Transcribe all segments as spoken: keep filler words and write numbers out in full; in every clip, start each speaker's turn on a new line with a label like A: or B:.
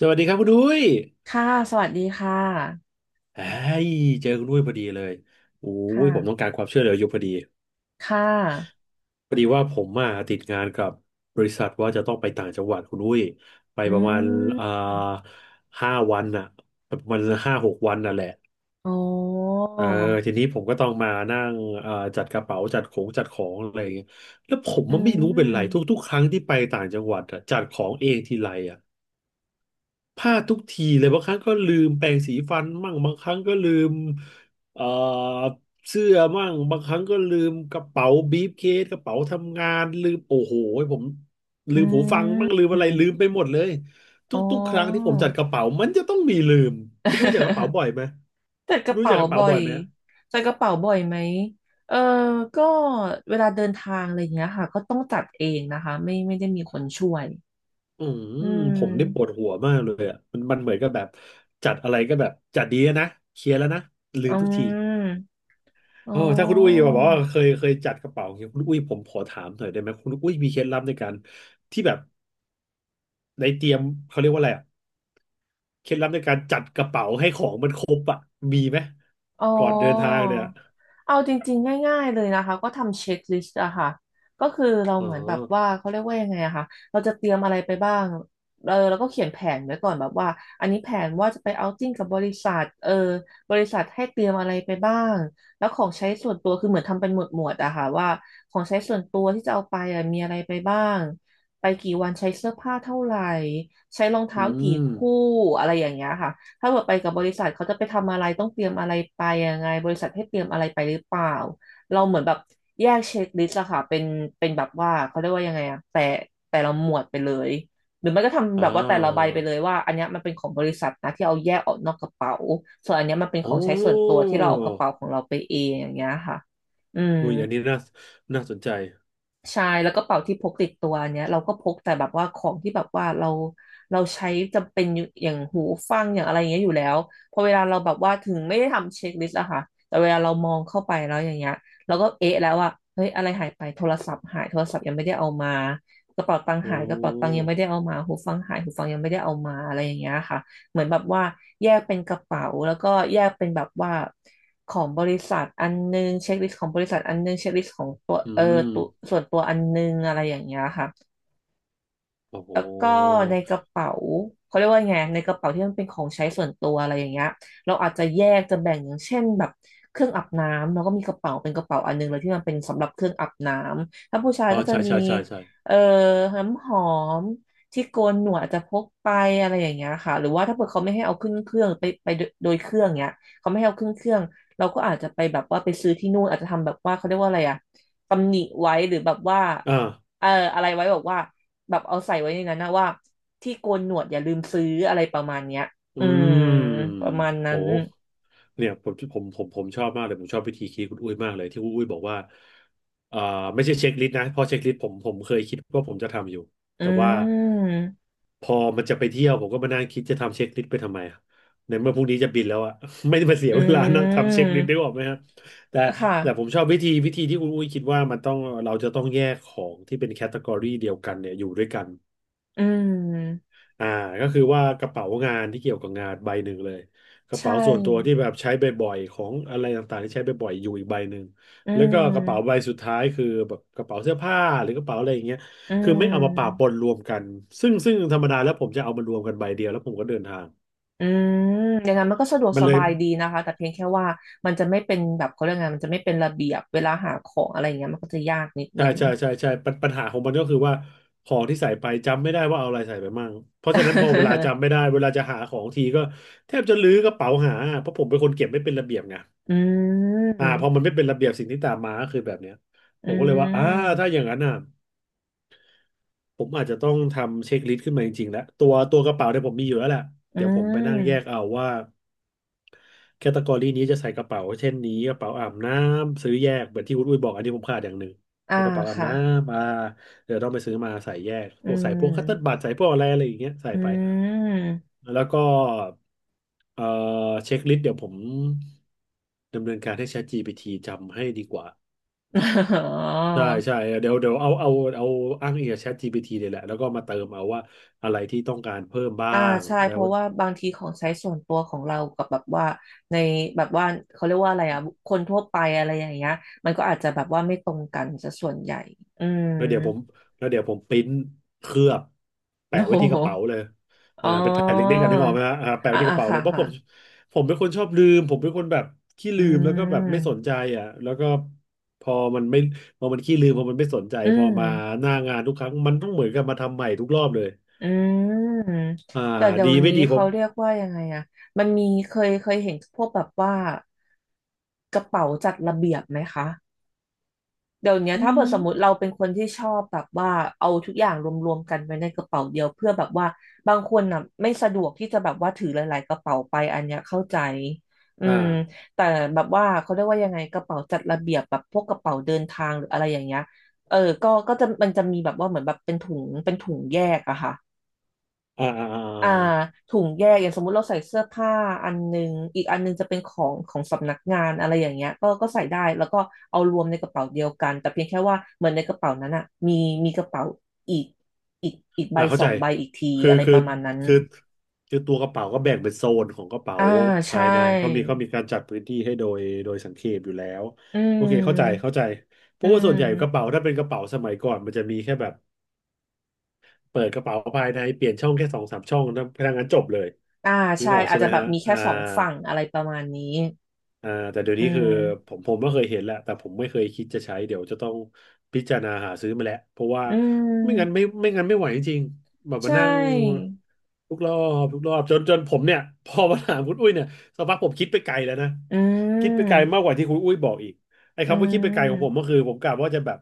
A: สวัสดีครับคุณดุ้ย
B: ค่ะ สวัสดีค่ะ
A: ไอ้ยเจอคุณดุ้ยพอดีเลยโอ้
B: ค
A: ยผมต้อง
B: ่ะ
A: การความช่วยเหลืออยู่พอดี
B: ค่ะ
A: พอดีว่าผมมาติดงานกับบริษัทว่าจะต้องไปต่างจังหวัดคุณดุ้ยไป
B: อื
A: ประมาณ
B: ม
A: อ่าห้าวันน่ะประมาณห้าหกวันน่ะแหละ
B: โอ้อ
A: เออทีนี้ผมก็ต้องมานั่งเอ่าจัดกระเป๋าจัดของจัดของอะไรอย่างเงี้ยแล้วผม
B: อื
A: มันไม่รู้เป็นไร
B: ม
A: ทุกๆครั้งที่ไปต่างจังหวัดอะจัดของเองทีไร พลาดทุกทีเลยบางครั้งก็ลืมแปรงสีฟันมั่งบางครั้งก็ลืมเอ่อเสื้อมั่งบางครั้งก็ลืมกระเป๋าบีฟเคสกระเป๋าทำงานลืมโอ้โหผม
B: อื
A: ลืมหูฟังมั่งลื
B: ม
A: มอะไรลืมไปหมดเลยท
B: อ๋อ
A: ุกๆครั้งที่ผมจัดกระเป๋ามันจะต้องมีลืมคุณรู้จักกระเป๋า บ่อยไหม
B: จัดก
A: คุณ
B: ระ
A: รู้จั
B: เป๋า
A: กกระเป๋า
B: บ่อ
A: บ่อ
B: ย
A: ยไหม
B: จัดกระเป๋าบ่อยไหมเออก็เวลาเดินทางอะไรอย่างเงี้ยค่ะก็ต้องจัดเองนะคะไม่ไม่ได้มีคนช่วย
A: อืม
B: อื
A: ผมได้ปวด
B: ม
A: หัวมากเลยอ่ะมันมันเหมือนกับแบบจัดอะไรก็แบบจัดดีอะนะเคลียร์แล้วนะลื
B: อื
A: มทุกที
B: มอ๋อ
A: เออถ้าคุณอุ้ยบอกว่าเคยเคยจัดกระเป๋าอย่างเงี้ยคุณอุ้ยผมขอถามหน่อยได้ไหมคุณอุ้ยมีเคล็ดลับในการที่แบบในเตรียมเขาเรียกว่าอะไรอะเคล็ดลับในการจัดกระเป๋าให้ของมันครบอ่ะมีไหม
B: อ๋อ
A: ก่อนเดินทางเนี่ย
B: เอาจริงๆ ง่ายๆเลยนะคะก็ทำเช็คลิสต์อะค่ะก็คือเรา
A: อ๋อ
B: เหมือนแบบว่าเขาเรียกว่ายังไงอะค่ะเราจะเตรียมอะไรไปบ้างเออเราก็เขียนแผนไว้ก่อนแบบว่าอันนี้แผนว่าจะไปเอาท์ติ้งกับบริษัทเออบริษัทให้เตรียมอะไรไปบ้างแล้วของใช้ส่วนตัวคือเหมือนทำเป็นหมวดหมวดอะค่ะว่าของใช้ส่วนตัวที่จะเอาไปอะมีอะไรไปบ้างไปกี่วันใช้เสื้อผ้าเท่าไหร่ใช้รอง
A: อื
B: เท้ากี่
A: ม
B: คู่อะไรอย่างเงี้ยค่ะ ถ้าเกิดไปกับบริษัทเขาจะไปทำอะไรต้องเตรียมอะไรไปยังไงบริษัทให้เตรียมอะไรไปหรือเปล่าเราเหมือนแบบแยกเช็คลิสต์อะค่ะเป็นเป็นแบบว่าเขาเรียกว่ายังไงอะแต่แต่ละหมวดไปเลยหรือไม่ก็ทำ
A: อ่
B: แบบว่าแต่ละใบ
A: า
B: ไปเลยว่าอันเนี้ยมันเป็นของบริษัทนะที่เอาแยกออกนอกกระเป๋าส่วนอันเนี้ยมันเป็นข
A: โอ
B: องใช้ส่วนตั
A: ้
B: วที่เราเอากระเป๋าของเราไปเองอย่างเงี้ยค่ะอืม
A: อุ้ยอันนี้น่าน่าสนใจ
B: ใช่แล้วก็เป๋าที่พกติดตัวเนี้ยเราก็พกแต่แบบว่าของที่แบบว่าเราเราใช้จำเป็นอยู่อย่างหูฟังอย่างอะไรอย่างเงี้ยอยู่แล้วพอเวลาเราแบบว่าถึงไม่ได้ทำเช็คลิสต์อะค่ะแต่เวลาเรามองเข้าไปแล้วอย่างเงี้ยเราก็เอ๊ะแล้วว่าเฮ้ยอะไรหายไปโทรศัพท์หายโทรศัพท์ยังไม่ได้เอามากระเป๋าตังค์หา
A: โอ้
B: ยกระเป๋าตังค์ยังไม่ได้เอามาหูฟังหายหูฟังยังไม่ได้เอามาอะไรอย่างเงี้ยค่ะเหมือนแบบว่าแยกเป็นกระเป๋าแล้วก็แยกเป็นแบบว่า ของบริษัทอันนึงเช็คลิสต์ของบริษัทอันนึงเช็คลิสต์ของตัว
A: อื
B: เออตัว
A: ม
B: ส่วนตัวอันนึงอะไรอย่างเงี้ยค่ะ
A: โอ้โห
B: แล้วก็ในกระเป๋าเขาเรียกว่าไงในกระเป๋าที่มันเป็นของใช้ส่วนตัวอะไรอย่างเงี้ยเราอาจจะแยกจะแบ่งอย่างเช่นแบบเครื่องอาบน้ำเราก็มีกระเป๋าเป็นกระเป๋าอันหนึงเลยที่มันเป็นสำหรับเครื่องอาบน้ำถ้าผู้ชาย
A: อ๋อ
B: ก็จะ
A: ใช่
B: มี
A: ใช่ใช่ใช่
B: เอ่อน้ำหอมที่โกนหนวดอาจจะพกไปอะไรอย่างเงี้ยค่ะหรือว่าถ้าเกิดเขาไม่ให้เอาขึ้นเครื่องไปไปโดยเครื่องเงี้ยเขาไม่ให้เอาขึ้นเครื่องเราก็อาจจะไปแบบว่าไปซื้อที่นู่นอาจจะทำแบบว่าเขาเรียกว่าอะไรอะตำหนิไว้หรือแบบว่า
A: อ่า
B: เอออะไรไว้บอกว่าแบบเอาใส่ไว้ในนั้นนะว่าที่โกนหนวดอย่าลืมซื้ออะไรประมาณเนี้ย
A: อื
B: อืม
A: ม
B: ประมาณ
A: โห
B: นั้น
A: เนี่ยผมผมผมผมชอบมากเลยผมชอบวิธีคิดคุณอุ้ยมากเลยที่คุณอุ้ยบอกว่าอ่าไม่ใช่เช็คลิสต์นะเพราะเช็คลิสต์ผมผมเคยคิดว่าผมจะทำอยู่
B: อื
A: แต่ว่า
B: ม
A: พอมันจะไปเที่ยวผมก็มานั่งคิดจะทำเช็คลิสต์ไปทำไมอะในเมื่อพรุ่งนี้จะบินแล้วอะ ไม่ได้มาเสีย
B: อื
A: เวลานะ ทำเช็คลิส
B: ม
A: ต์ได้ออกไหมครับแต่
B: ค่ะ
A: แต่ผมชอบวิธีวิธีที่คุณอุ้ยคิดว่ามันต้องเราจะต้องแยกของที่เป็นแคตตากรีเดียวกันเนี่ยอยู่ด้วยกัน
B: อืม
A: อ่าก็คือว่ากระเป๋างานที่เกี่ยวกับงานใบหนึ่งเลยกระ
B: ใช
A: เป๋าส่วนตัวที่
B: ่
A: แบบใช้บ่อยๆของอะไรต่างๆที่ใช้บ่อยๆอยู่อีกใบหนึ่ง
B: อื
A: แล้วก็กระเป๋าใบ
B: ม
A: สุดท้ายคือแบบกระเป๋าเสื้อผ้าหรือกระเป๋าอะไรอย่างเงี้ย
B: อื
A: คือไม่เอามาปะป
B: ม
A: นรวมกันซึ่งซึ่งธรรมดาแล้วผมจะเอามารวมกันใบเดียวแล้วผมก็เดินทาง
B: อืมอย่างนั้นมันก็สะดวก
A: มัน
B: ส
A: เลย
B: บายดีนะคะแต่เพียงแค่ว่ามันจะไม่เป็นแบบเขาเรียกไงมันจะไม่เป็นระเบียบเวลาหาของอะไรอย่างเงี้ยมันก็จะยากนิด
A: ใช่
B: นึง
A: ใช่ใช่ใช่ปัญปัญหาของมันก็คือว่าของที่ใส่ไปจำไม่ได้ว่าเอาอะไรใส่ไปมั่งเพราะฉะนั้นพอเวลา จำไม่ได้เวลาจะหาของทีก็แทบจะลื้อกระเป๋าหาเพราะผมเป็นคนเก็บไม่เป็นระเบียบไง
B: อื
A: อ่าพอมัน
B: ม
A: ไม่เป็นระเบียบสิ่งที่ตามมาก็คือแบบเนี้ยผ
B: อื
A: มก็เลยว่าอ่า
B: ม
A: ถ้าอย่างนั้นอ่ะผมอาจจะต้องทำเช็คลิสต์ขึ้นมาจริงๆแล้วตัวตัวกระเป๋าเนี่ยผมมีอยู่แล้วแหละ
B: อื
A: เดี๋ยวผมไปนั่งแยก
B: ม
A: เอาว่าแคตตากรีนี้จะใส่กระเป๋าเช่นนี้กระเป๋าอาบน้ำซื้อแยกเหมือนที่วุณุ้ยบอกอันนี้ผมขาดอย่างหนึ่ง
B: อ่า
A: ตัวกระเป๋าอาบ
B: ค่ะ
A: น้ำอ่าเดี๋ยวต้องไปซื้อมาใส่แยก
B: อื
A: พวกใส่พวกคัตเติ้ลบั
B: ม
A: ตใส่พวกอะไรอะไรอย่างเงี้ยใส่
B: อื
A: ไป
B: ม
A: แล้วก็เอ่อเช็คลิสต์เดี๋ยวผมดำเนินการให้ ChatGPT จำให้ดีกว่า
B: อ๋
A: ใช่
B: อ
A: ใช่เดี๋ยวเดี๋ยวเอาเอาเอาอ้างอิงกับ ChatGPT เลยแหละแล้วก็มาเติมเอาว่าอะไรที่ต้องการเพิ่มบ้า
B: อ่า
A: ง
B: ใช่
A: แล้
B: เพ
A: ว
B: ราะว่าบางทีของใช้ส่วนตัวของเรากับแบบว่าในแบบว่าเขาเรียกว่าอะไรอ่ะคนทั่วไปอะไรอย่างเงี้ยมันก็อาจจะแบบว่าไม่ตรงกันซะส่วนใหญ่อืม
A: แล้วเดี๋ยวผมแล้วเดี๋ยวผมปริ้นเคลือบ
B: โอ้
A: แปะ
B: โ
A: ไว้ที่ก
B: ห
A: ระเป๋าเลย
B: อ๋
A: อ่า
B: อ
A: เป็นแผ่นเล็กๆกันนึกออกไหมฮะอ่าแปะไว้
B: อ่า
A: ที่ก
B: อ่า
A: ระเป๋าเล
B: ค่ะ
A: ยเพราะ
B: ค่ะ
A: ผมผมเป็นคนชอบลืมผมเป็นคนแบบขี้
B: อื
A: ลืมแล้วก็แบบไม่สนใจ
B: ม
A: อ่ะแล้วก็พอมันไม่พอมันขี้ลืมพอมันไม่สนใจ
B: อื
A: พอมา
B: ม
A: หน้างานทุกครั้งมันต้องเหมือนกับมาทำใหม่ทุกรอบเลย
B: อืม
A: อ่า
B: แต่เดี๋ย
A: ดี
B: ว
A: ไม่
B: นี้
A: ดีผ
B: เขา
A: ม
B: เรียกว่ายังไงอะมันมีเคยเคยเห็นพวกแบบว่ากระเป๋าจัดระเบียบไหมคะเดี๋ยวเนี้ย
A: อื
B: ถ้า
A: ม
B: เกิดสมมติเราเป็นคนที่ชอบแบบว่าเอาทุกอย่างรวมๆกันไว้ในกระเป๋าเดียวเพื่อแบบว่าบางคนน่ะไม่สะดวกที่จะแบบว่าถือหลายๆกระเป๋าไปอันเนี้ยเข้าใจอื
A: อ่า
B: มแต่แบบว่าเขาเรียกว่ายังไงกระเป๋าจัดระเบียบแบบพวกกระเป๋าเดินทางหรืออะไรอย่างเงี้ยเออก็ก็จะมันจะมีแบบว่าเหมือนแบบเป็นถุงเป็นถุงแยกอะค่ะ
A: อ่าอ่าอ่า
B: อ่าถุงแยกอย่างสมมุติเราใส่เสื้อผ้าอันหนึงอีกอันหนึงจะเป็นของของสำนักงานอะไรอย่างเงี้ยก็ก็ใส่ได้แล้วก็เอารวมในกระเป๋าเดียวกันแต่เพียงแค่ว่าเหมือนในกระเป๋านั้นอ่ะมีมีกระเป๋าอีกอีกอีกใบ
A: อ่าเข้า
B: สอ
A: ใจ
B: งใบอีกที
A: คือ
B: อะไร
A: คื
B: ป
A: อ
B: ระมาณนั้น
A: คือคือตัวกระเป๋าก็แบ่งเป็นโซนของกระเป๋า
B: อ่า
A: ภา
B: ใช่
A: ยในเขามีเขามีการจัดพื้นที่ให้โดยโดยสังเขปอยู่แล้ว
B: อื
A: โอเคเข้าใจ
B: ม
A: เข้าใจเพ
B: อื
A: ราะว่าส่วนใหญ่กระเป๋า
B: ม
A: ถ้าเป็นกระเป๋าสมัยก่อนมันจะมีแค่แบบเปิดกระเป๋าภายในเปลี่ยนช่องแค่สองสามช่องนะพนักงานจบเลย
B: อ่า
A: นึก
B: ใช่
A: ออก
B: อา
A: ใช่
B: จ
A: ไห
B: จะ
A: ม
B: แบบ
A: ฮะ
B: มีแค่
A: อ่า
B: สองฝั่งอะไรประมาณนี้
A: อ่าแต่เดี๋ยว
B: อื
A: นี้คือผ
B: ม
A: มผมก็เคยเห็นแหละแต่ผมไม่เคยคิดจะใช้เดี๋ยวจะต้องพิจารณาหาซื้อมาแหละเพราะว่า
B: อื
A: ไม่งั้นไม่
B: ม
A: ไม่งั้นไม่ไหวจริงๆแบบ
B: ใช
A: มานั่ง
B: ่
A: ทุกรอบทุกรอบจนจนผมเนี่ย พอมาถามคุณอุ้ยเนี่ยสักพักผมคิดไปไกลแล้วนะ
B: อื
A: คิดไปไกล
B: ม
A: มากกว่าที่คุณอุ้ยบอกอีกไอ้
B: อื
A: คำว่าคิดไปไกลของผมก็
B: ม
A: คือผมกะว่าจะแบบ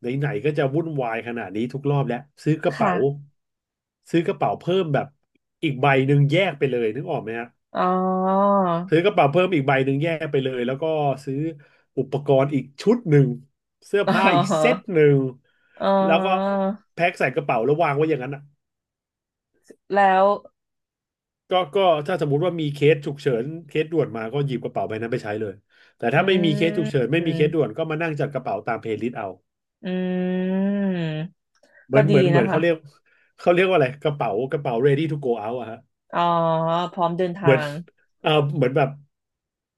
A: ไหนๆก็จะวุ่นวายขนาดนี้ทุกรอบแล้วซื้อกระเป๋า
B: ค่ะ
A: ซื้อกระเป๋าเพิ่มแบบอีกใบหนึ่งแยกไปเลยนึกออกไหมฮะ
B: อ๋อ
A: ซื้อกระเป๋าเพิ่มอีกใบหนึ่งแยกไปเลยแล้วก็ซื้ออุปกรณ์อีกชุดหนึ่งเสื้อ
B: อ๋
A: ผ้าอีกเซต
B: อ
A: หนึ่ง
B: อ๋อ
A: แล้วก็แพ็คใส่กระเป๋าแล้ววางไว้อย่างนั้นอ่ะ
B: แล้ว
A: ก็ก็ถ้าสมมุติว่ามีเคสฉุกเฉินเคสด่วนมาก็หยิบกระเป๋าใบนั้นไปใช้เลยแต่
B: อื
A: ถ้าไม่มีเคสฉุกเฉินไม่มีเคสด่
B: ม
A: วนก็มานั่งจัดกระเป๋าตามเพลย์ลิสต์เอา
B: อืม
A: เหมื
B: ก็
A: อน
B: ดี
A: เหมือนเหมือ
B: นะ
A: น
B: คะ
A: เขาเรียกเขาเรียกว่าอะไรกระเป๋ากระเป๋า ready to go out อะฮะ
B: อ๋อ พร้อมเดิน
A: เหมือ
B: ทา
A: น
B: ง
A: เออเหมือนแบบ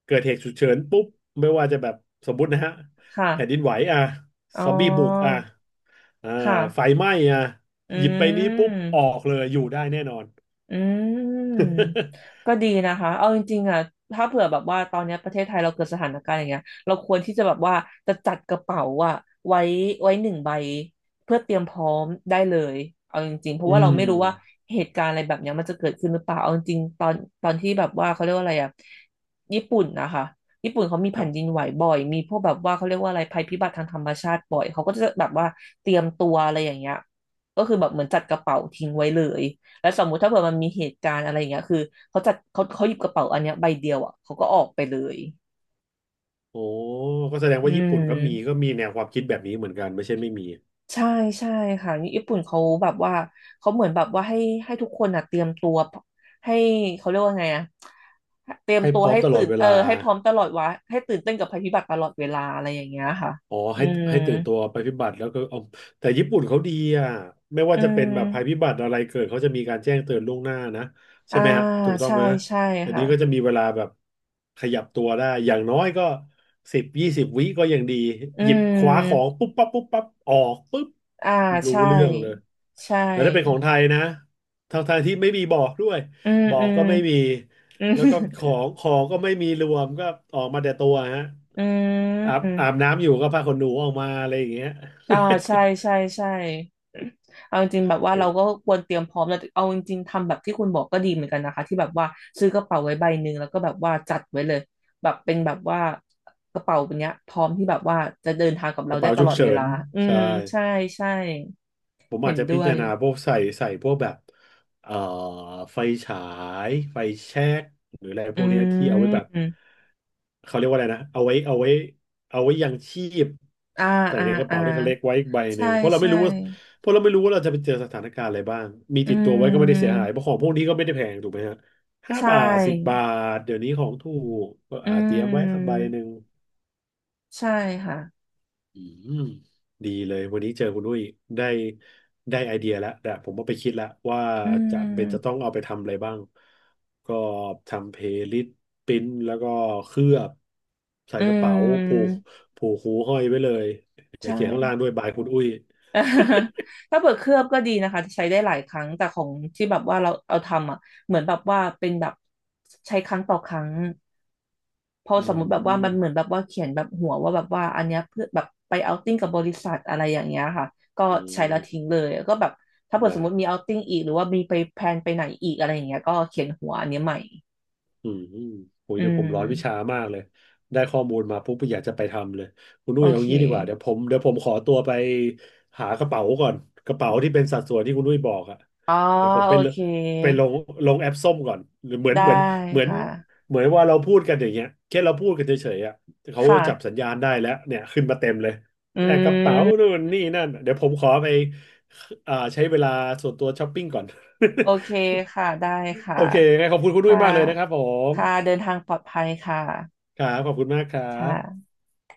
A: เกิดเหตุฉุกเฉินปุ๊บไม่ว่าจะแบบสมมุตินะฮะ
B: ค่ะ
A: แผ่นดินไหวอ่ะ
B: อ๋อ
A: ซอมบี้บุกอ่ะ อ่า
B: ค่ะ
A: ไฟไหม้อ่ะ
B: อื
A: หยิบไปนี้ปุ๊บออ
B: ม
A: กเลยอยู่ได้แน่นอน
B: อืมก็ดีนะคะเอาจริงๆอ่ะถ้าเผื่อแบบว่าตอนเนี้ยประเทศไทยเราเกิดสถานการณ์อย่างเงี้ยเราควรที่จะแบบว่าจะจัดกระเป๋าอ่ะไว้ไว้หนึ่งใบเพื่อเตรียมพร้อมได้เลยเอาจริงๆเพ ราะ
A: อื
B: ว่าเรา
A: ม
B: ไม่รู้ว่าเหตุการณ์อะไรแบบเนี้ยมันจะเกิดขึ้นหรือเปล่าเอาจริงๆตอนตอนที่แบบว่าเขาเรียกว่าอะไรอ่ะญี่ปุ่นนะคะญี่ปุ่นเขามี
A: ค
B: แผ่
A: รั
B: นดิน
A: บ
B: ไหวบ่อยมีพวกแบบว่าเขาเรียกว่าอะไรภัยพิบัติทางธรรมชาติบ่อยเขาก็จะแบบว่าเตรียมตัวอะไรอย่างเงี้ยก็คือแบบเหมือนจัดกระเป๋าทิ้งไว้เลย แล้วสมมุติถ้าเผื่อมันมีเหตุการณ์อะไรอย่างเงี้ยคือเขาจัดเขาเขาหยิบกระเป๋าอันเนี้ยใบเดียวอ่ะเขาก็ออกไปเลย
A: โอ้ก็แสดง
B: อื
A: ว่าญี่ปุ่นก็มีก็
B: ม
A: มีแนวความคิดแบบนี้เหมือนกันไม่ใช่ไม่มี
B: ใช่ใช่ค่ะญี่ปุ่นเขาแบบว่าเขาเหมือนแบบว่าให้ให้ทุกคนอ่ะเตรียมตัวให้เขาเรียกว่าไงอ่ะเตรียม
A: ให้
B: ตั
A: พ
B: ว
A: ร้อม
B: ให้
A: ตล
B: ตื่
A: อด
B: น
A: เว
B: เออ
A: ลา
B: ให้พร้อมตลอดวะให้ตื่นเต้นกับภัยพิบัติตลอดเวลาอะไรอย่างเงี้ยค่ะ
A: อ๋อ
B: อื
A: ให้
B: ม
A: ให้ตื่นตัวภัยพิบัติแล้วก็เอาแต่ญี่ปุ่นเขาดีอ่ะไม่ว่า
B: อื
A: จะเป็น
B: ม
A: แบบภัยพิบัติอะไรเกิดเขาจะมีการแจ้งเตือนล่วงหน้านะใช่
B: อ่า
A: ไหมฮะถูกต้อง
B: ใช่
A: ไหม
B: ใช่
A: เดี๋ยว
B: ค่ะ
A: นี้ก็จะมีเวลาแบบขยับตัวได้อย่างน้อยก็สิบยี่สิบวิก็ยังดี
B: อื
A: หยิบคว้าของ
B: ม
A: ปุ๊บปั๊บปุ๊บปั๊บออกปุ๊บ
B: อ่า
A: รู้
B: ใช่
A: เรื่องเลย
B: ใช่
A: แล้วถ้าเป็นของไทยนะ ทางไทยที่ไม่มีบอกด้วย
B: อืม
A: บอ
B: อื
A: ก
B: ม
A: ก็ไม่มี
B: อื
A: แล้วก็ข
B: ม
A: องของก็ไม่มีรวมก็ออกมาแต่ตัวฮะ
B: อื
A: อาบ
B: ม
A: อาบน้ำอยู่ก็ผ้าขนหนูออกมาอะไรอย่างเงี้ย
B: อ่าใช่ใช่ใช่เอาจริงๆแบบว่าเรา ก็ควรเตรียมพร้อมแล้วเอาจริงๆทำแบบที่คุณบอกก็ดีเหมือนกันนะคะที่แบบว่าซื้อกระเป๋าไว้ใบหนึ่งแล้วก็แบบว่าจัดไว้เลยแบบเป็นแบบว่ากระเป๋าแบบเนี้ยพร้อมที่แบบว่าจะเดินทางกับ
A: ก
B: เรา
A: ระ
B: ได้
A: เป๋า
B: ต
A: ฉุ
B: ล
A: ก
B: อดเว
A: เฉิ
B: ลา
A: น
B: อืม
A: ใช่
B: ใช่ใช่
A: ผม
B: เห็
A: อาจ
B: น
A: จะพิ
B: ด้ว
A: จา
B: ย
A: รณาพวกใส่ใส่พวกแบบเอ่อไฟฉายไฟแช็กหรืออะไรพ
B: อื
A: วกเนี้ยที่เอาไว้แบบ
B: ม
A: เขาเรียกว่าอะไรนะเอาไว้เอาไว้เอาไว้ยังชีพ
B: อ่า
A: ใส่
B: อ่า
A: ในกระ
B: อ่า
A: เป๋าที่เขาเล็กไว้อีกใบห
B: ใช่
A: นึ่งเพราะเราไม่
B: ใช่
A: รู้ว่าเพราะเราไม่รู้ว่าเราจะไปเจอสถานการณ์อะไรบ้างมี
B: อื
A: ติดตัวไว้ก็ไม่ได้เสียหา
B: ม
A: ยเพราะของพวกนี้ก็ไม่ได้แพงถูกไหมฮะห้า
B: ใช
A: บาทสิบบา
B: ่
A: ทเดี๋ยวนี้ของถูกก็
B: อื
A: อาเตรียมไว้สักใบ
B: ม
A: หนึ่ง
B: ใช่ค่ะ
A: อืมดีเลยวันนี้เจอคุณอุ้ยได้ได้ไอเดียแล้วแต่ผมก็ไปคิดแล้วว่า
B: อื
A: จะเป็นจะต้อ
B: ม
A: งเอาไปทำอะไรบ้างก็ทำเพลย์ลิสต์ปริ้นแล้วก็เคลือบใส่
B: อื
A: กระเป๋าผูก
B: ม
A: ผูกหูห้อยไว้เลยเดี๋ยว
B: ใช่
A: เขียนข้างล่างด้วยบายคุณอุ้ย
B: ถ้าเปิดเคลือบก็ดีนะคะใช้ได้หลายครั้งแต่ของที่แบบว่าเราเอาทำอ่ะเหมือนแบบว่าเป็นแบบใช้ครั้งต่อครั้งพอ
A: อื
B: สมมุติแบบว่า
A: ม
B: มันเหมือนแบบว่าเขียนแบบหัวว่าแบบว่าอันเนี้ยเพื่อแบบไปเอาติ้งกับบริษัทอะไรอย่างเงี้ยค่ะก็
A: อื
B: ใช้
A: ม
B: แล้วทิ้งเลยก็แบบถ้าเปิดส
A: ได้
B: มมติมีเอาติ้งอีกหรือว่ามีไปแพลนไปไหนอีกอะไรอย่างเงี้ยก็เขียนหัวอันเนี้ยใหม่
A: อืมโอ้ย
B: อื
A: เดี๋ยวผมร้อนวิชา
B: ม
A: มากเลยได้ข้อมูลมาปุ๊บอยากจะไปทำเลยคุณ
B: โอ
A: นุ้ยเอา
B: เค
A: งี้ดีกว่าเดี๋ยวผมเดี๋ยวผมขอตัวไปหากระเป๋าก่อนกระเป๋าที่เป็นสัดส่วนที่คุณนุ้ยบอกอะ
B: อ๋อ
A: เดี๋ยวผมไป
B: โอ
A: เล
B: เค
A: ไปลงลงแอปส้มก่อนหรือเหมือน
B: ได้
A: เหมือนเหมือน
B: ค่ะ
A: เหมือนว่าเราพูดกันอย่างเงี้ยแค่เราพูดกันเฉยๆอะเขา
B: ค่ะ
A: จับสัญญาณได้แล้วเนี่ยขึ้นมาเต็มเลย
B: อื
A: แอบกระเป๋า
B: ม
A: นู่นนี่นั่นเดี๋ยวผมขอไปอ่าใช้เวลาส่วนตัวช้อปปิ้งก่อน
B: โอเค ค่ะได้ค่ะ
A: โอเคงั้นขอบคุณคุณนุ้
B: ค่ะ
A: ยมากเลยนะครับผ
B: ค่ะ
A: ม
B: เดินทางปลอดภัยค่ะ
A: ครับขอบคุณมากครั
B: ค่ะ
A: บ